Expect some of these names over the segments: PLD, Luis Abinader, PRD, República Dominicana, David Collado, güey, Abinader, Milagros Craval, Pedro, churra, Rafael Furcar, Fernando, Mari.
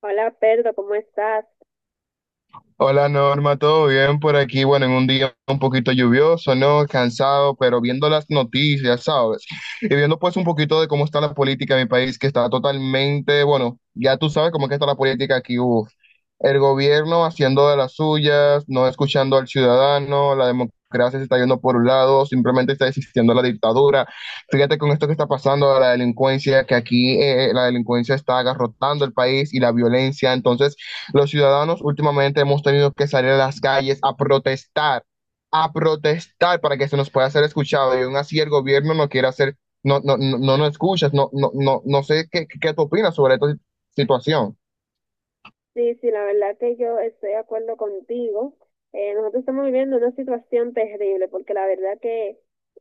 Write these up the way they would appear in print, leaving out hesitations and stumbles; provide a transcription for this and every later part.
Hola, Pedro, ¿cómo estás? Hola Norma, ¿todo bien por aquí? Bueno, en un día un poquito lluvioso, ¿no? Cansado, pero viendo las noticias, ¿sabes? Y viendo pues un poquito de cómo está la política en mi país, que está totalmente, bueno, ya tú sabes cómo es que está la política aquí, uf. El gobierno haciendo de las suyas, no escuchando al ciudadano, la democracia se está yendo por un lado, simplemente está existiendo la dictadura. Fíjate con esto que está pasando, la delincuencia, que aquí la delincuencia está agarrotando el país y la violencia, entonces... Los ciudadanos últimamente hemos tenido que salir a las calles a protestar para que se nos pueda ser escuchado. Y aún así el gobierno no quiere hacer, no, no, no, no nos escuchas, no, no, no, no sé qué, ¿qué tú opinas sobre esta situación? Sí, sí, la verdad que yo estoy de acuerdo contigo. Nosotros estamos viviendo una situación terrible porque la verdad que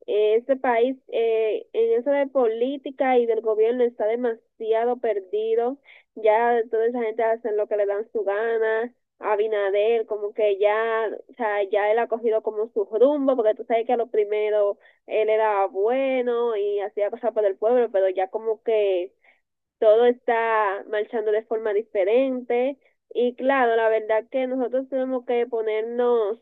este país en eso de política y del gobierno está demasiado perdido. Ya toda esa gente hace lo que le dan su gana. Abinader, como que ya, o sea, ya él ha cogido como su rumbo porque tú sabes que a lo primero él era bueno y hacía cosas por el pueblo, pero ya como que todo está marchando de forma diferente y claro, la verdad que nosotros tenemos que ponernos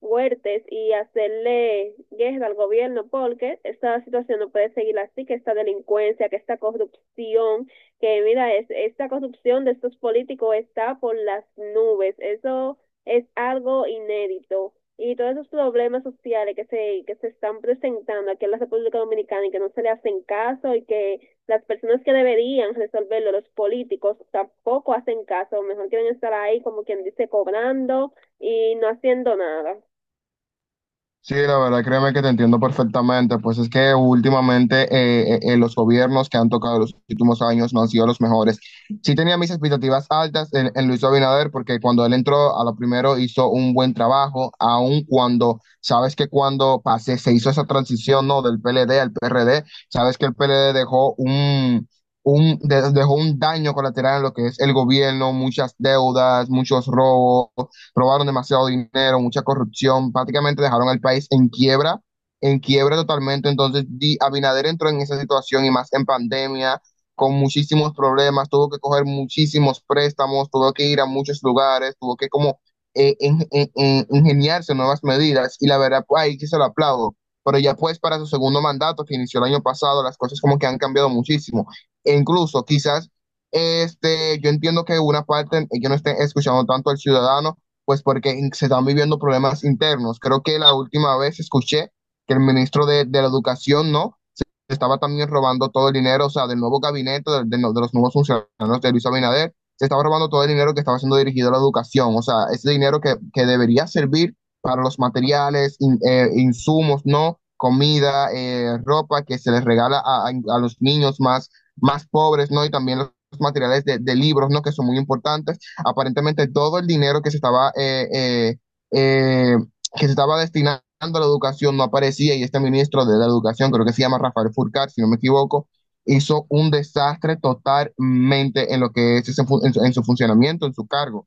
fuertes y hacerle guerra al gobierno porque esta situación no puede seguir así, que esta delincuencia, que esta corrupción, que mira, es, esta corrupción de estos políticos está por las nubes, eso es algo inédito. Y todos esos problemas sociales que se están presentando aquí en la República Dominicana y que no se le hacen caso y que las personas que deberían resolverlo, los políticos, tampoco hacen caso, mejor quieren estar ahí como quien dice cobrando y no haciendo nada. Sí, la verdad, créeme que te entiendo perfectamente, pues es que últimamente los gobiernos que han tocado los últimos años no han sido los mejores. Sí tenía mis expectativas altas en Luis Abinader porque cuando él entró a lo primero hizo un buen trabajo, aun cuando, sabes que cuando pasé, se hizo esa transición, ¿no? Del PLD al PRD, sabes que el PLD dejó dejó un daño colateral en lo que es el gobierno, muchas deudas, muchos robos robaron demasiado dinero, mucha corrupción, prácticamente dejaron al país en quiebra totalmente. Entonces, Abinader entró en esa situación y más en pandemia, con muchísimos problemas, tuvo que coger muchísimos préstamos, tuvo que ir a muchos lugares, tuvo que como ingeniarse nuevas medidas y la verdad, pues, ahí sí se lo aplaudo. Pero ya pues para su segundo mandato que inició el año pasado, las cosas como que han cambiado muchísimo. E incluso quizás este, yo entiendo que una parte, yo no esté escuchando tanto al ciudadano, pues porque se están viviendo problemas internos. Creo que la última vez escuché que el ministro de la Educación, ¿no? estaba también robando todo el dinero, o sea, del nuevo gabinete, no, de los nuevos funcionarios de Luis Abinader, se estaba robando todo el dinero que estaba siendo dirigido a la educación, o sea, ese dinero que debería servir para los materiales, insumos, ¿no? Comida, ropa que se les regala a los niños más, más pobres, ¿no? Y también los materiales de libros, ¿no? Que son muy importantes. Aparentemente todo el dinero eh, que se estaba destinando a la educación no aparecía y este ministro de la educación, creo que se llama Rafael Furcar, si no me equivoco, hizo un desastre totalmente en lo que es ese, en su funcionamiento, en su cargo.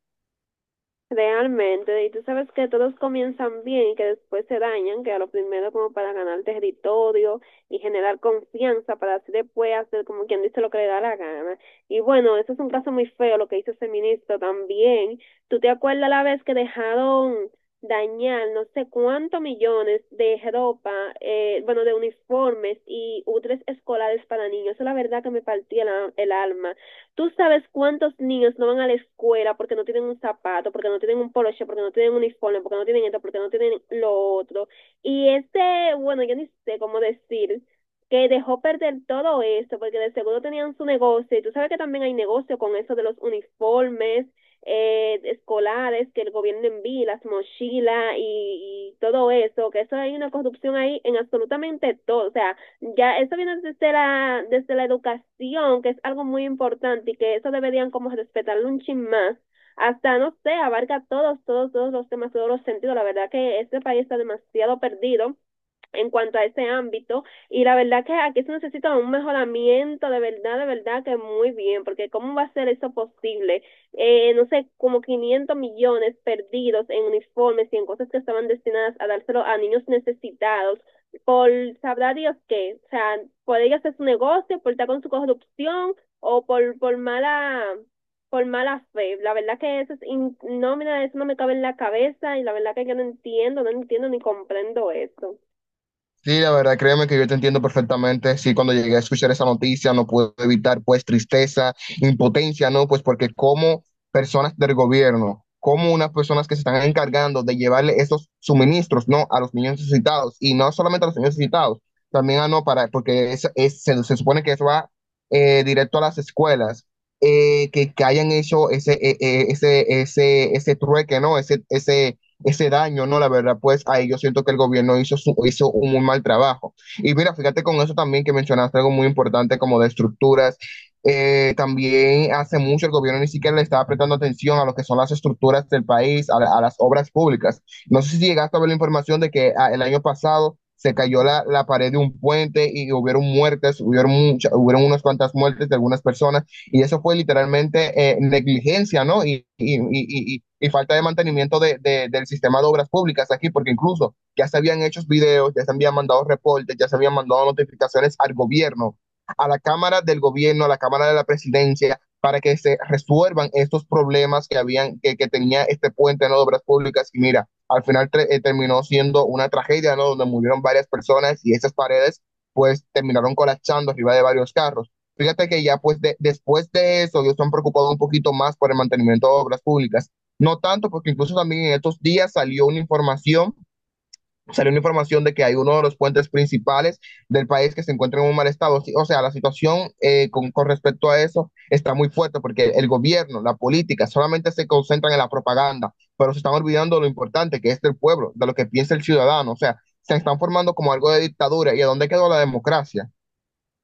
Realmente, y tú sabes que todos comienzan bien y que después se dañan, que a lo primero como para ganar territorio y generar confianza para así después hacer como quien dice lo que le da la gana. Y bueno, eso es un caso muy feo lo que hizo ese ministro también. ¿Tú te acuerdas la vez que dejaron dañar no sé cuántos millones de ropa, bueno, de uniformes y útiles escolares para niños? Eso la verdad que me partía la- el alma. Tú sabes cuántos niños no van a la escuela porque no tienen un zapato, porque no tienen un poloche, porque no tienen un uniforme, porque no tienen esto, porque no tienen lo otro. Y este, bueno, yo ni sé cómo decir que dejó perder todo esto, porque de seguro tenían su negocio, y tú sabes que también hay negocio con eso de los uniformes escolares que el gobierno envía, las mochilas y todo eso, que eso hay una corrupción ahí en absolutamente todo, o sea, ya eso viene desde la educación, que es algo muy importante y que eso deberían como respetarlo un chin más. Hasta, no sé, abarca todos, todos, todos los temas, todos los sentidos. La verdad que este país está demasiado perdido en cuanto a ese ámbito. Y la verdad que aquí se necesita un mejoramiento, de verdad que muy bien, porque ¿cómo va a ser eso posible? No sé, como 500 millones perdidos en uniformes y en cosas que estaban destinadas a dárselo a niños necesitados por sabrá Dios qué, o sea, por ella hacer su negocio, por estar con su corrupción o por mala fe. La verdad que eso es in, no, mira, eso no me cabe en la cabeza y la verdad que yo no entiendo, no entiendo ni comprendo eso. Sí, la verdad, créeme que yo te entiendo perfectamente. Sí, cuando llegué a escuchar esa noticia no pude evitar pues tristeza, impotencia, ¿no? Pues porque como personas del gobierno, como unas personas que se están encargando de llevarle estos suministros, ¿no? A los niños necesitados y no solamente a los niños necesitados, también a no para, porque es, se supone que eso va directo a las escuelas, que hayan hecho ese, ese trueque, ¿no? Ese daño, ¿no? La verdad, pues ahí yo siento que el gobierno hizo un muy mal trabajo. Y mira, fíjate con eso también que mencionaste algo muy importante como de estructuras. También hace mucho el gobierno ni siquiera le estaba prestando atención a lo que son las estructuras del país, a las obras públicas. No sé si llegaste a ver la información de que ah, el año pasado se cayó la pared de un puente y hubieron muertes, hubieron unas cuantas muertes de algunas personas. Y eso fue literalmente negligencia, ¿no? Y falta de mantenimiento del sistema de obras públicas aquí, porque incluso ya se habían hecho videos, ya se habían mandado reportes, ya se habían mandado notificaciones al gobierno, a la Cámara del Gobierno, a la Cámara de la Presidencia, para que se resuelvan estos problemas que habían que tenía este puente en ¿no? de obras públicas y mira al final terminó siendo una tragedia no donde murieron varias personas y esas paredes pues terminaron colapsando arriba de varios carros. Fíjate que ya pues después de eso ellos se han preocupado un poquito más por el mantenimiento de obras públicas. No tanto porque incluso también en estos días salió una información de que hay uno de los puentes principales del país que se encuentra en un mal estado. Sí, o sea, la situación con respecto a eso está muy fuerte porque el gobierno, la política, solamente se concentran en la propaganda, pero se están olvidando de lo importante que es del pueblo, de lo que piensa el ciudadano. O sea, se están formando como algo de dictadura. ¿Y a dónde quedó la democracia?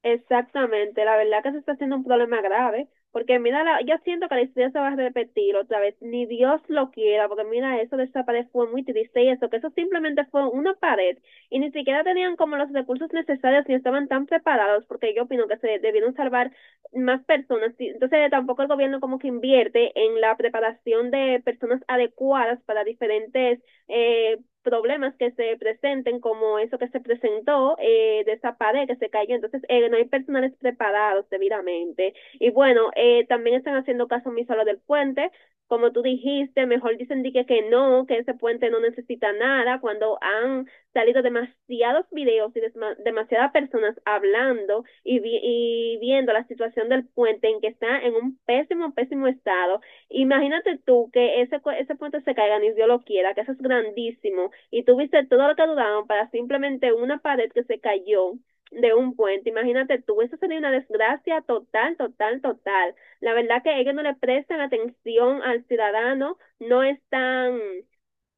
Exactamente, la verdad que se está haciendo un problema grave, porque mira, la- yo siento que la historia se va a repetir otra vez, ni Dios lo quiera, porque mira, eso de esa pared fue muy triste y eso, que eso simplemente fue una pared y ni siquiera tenían como los recursos necesarios ni estaban tan preparados, porque yo opino que se debieron salvar más personas, y entonces tampoco el gobierno como que invierte en la preparación de personas adecuadas para diferentes eh, problemas que se presenten, como eso que se presentó, de esa pared que se cayó. Entonces, no hay personales preparados debidamente. Y bueno, también están haciendo caso omiso a lo del puente. Como tú dijiste, mejor dicen que no, que ese puente no necesita nada, cuando han salido demasiados videos y demasiadas personas hablando y, vi y viendo la situación del puente en que está en un pésimo, pésimo estado. Imagínate tú que ese puente se caiga, ni Dios lo quiera, que eso es grandísimo, y tú viste todo lo que dudaron para simplemente una pared que se cayó de un puente. Imagínate tú, eso sería una desgracia total, total, total. La verdad que ellos no le prestan atención al ciudadano, no están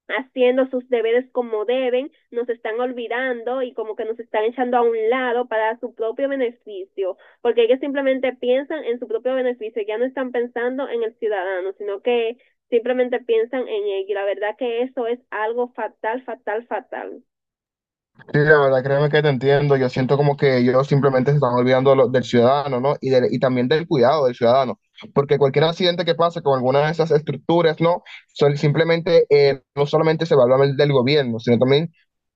haciendo sus deberes como deben, nos están olvidando y como que nos están echando a un lado para su propio beneficio, porque ellos simplemente piensan en su propio beneficio, ya no están pensando en el ciudadano, sino que simplemente piensan en ello. Y la verdad que eso es algo fatal, fatal, fatal. Sí, la verdad, créeme que te entiendo. Yo siento como que ellos simplemente se están olvidando de del ciudadano, ¿no? Y también del cuidado del ciudadano. Porque cualquier accidente que pase con alguna de esas estructuras, ¿no? Son simplemente, no solamente se va a hablar del gobierno, sino también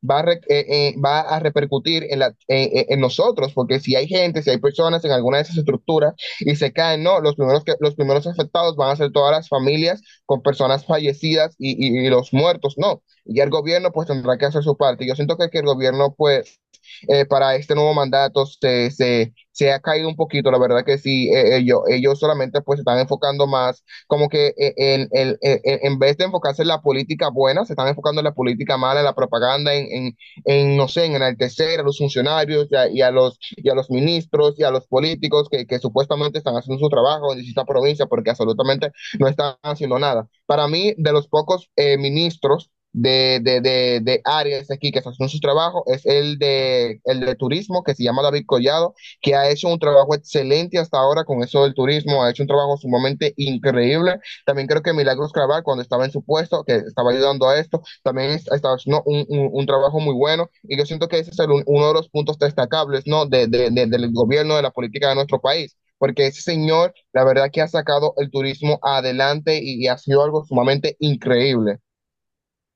va a repercutir en nosotros. Porque si hay gente, si hay personas en alguna de esas estructuras y se caen, ¿no? Los primeros afectados van a ser todas las familias con personas fallecidas y los muertos, ¿no? Y el gobierno pues tendrá que hacer su parte. Yo siento que el gobierno pues para este nuevo mandato ha caído un poquito, la verdad que sí, ellos solamente pues se están enfocando más como que vez de enfocarse en la política buena, se están enfocando en la política mala, en la propaganda, en no sé, en enaltecer a los funcionarios y a los ministros y a los políticos que supuestamente están haciendo su trabajo en distintas provincias porque absolutamente no están haciendo nada. Para mí, de los pocos ministros, de áreas aquí que hacen su trabajo es el de turismo, que se llama David Collado, que ha hecho un trabajo excelente hasta ahora con eso del turismo, ha hecho un trabajo sumamente increíble. También creo que Milagros Craval, cuando estaba en su puesto, que estaba ayudando a esto, también estaba haciendo un trabajo muy bueno. Y yo siento que ese es el uno de los puntos destacables, ¿no? Del gobierno, de la política de nuestro país. Porque ese señor, la verdad que ha sacado el turismo adelante y ha sido algo sumamente increíble.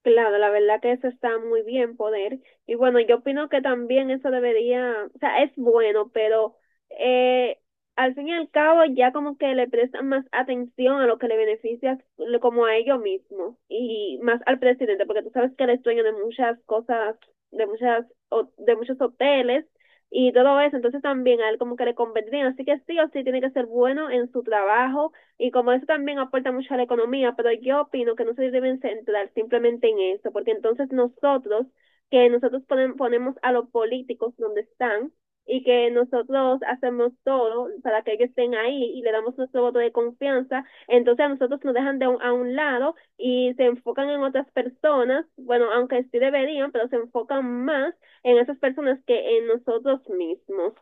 Claro, la verdad que eso está muy bien poder. Y bueno, yo opino que también eso debería, o sea, es bueno, pero eh, al fin y al cabo ya como que le prestan más atención a lo que le beneficia le- como a ellos mismos y más al presidente, porque tú sabes que él es dueño de muchas cosas, de muchas, ho- de muchos hoteles y todo eso, entonces también a él como que le convendría. Así que sí o sí tiene que ser bueno en su trabajo y como eso también aporta mucho a la economía, pero yo opino que no se deben centrar simplemente en eso, porque entonces nosotros, que nosotros ponen- ponemos a los políticos donde están y que nosotros hacemos todo para que ellos estén ahí y le damos nuestro voto de confianza, entonces a nosotros nos dejan de un- a un lado y se enfocan en otras personas, bueno, aunque sí deberían, pero se enfocan más en esas personas que en nosotros mismos.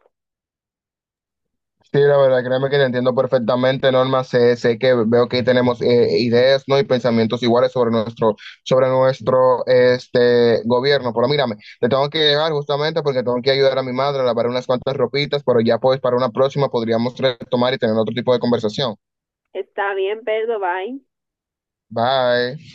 Sí, la verdad, créeme que te entiendo perfectamente, Norma. Sé que veo que tenemos ideas, ¿no? y pensamientos iguales sobre nuestro este, gobierno. Pero mírame, te tengo que dejar justamente porque tengo que ayudar a mi madre a lavar unas cuantas ropitas, pero ya pues para una próxima podríamos retomar y tener otro tipo de conversación. Está bien, Pedro, bye. Bye.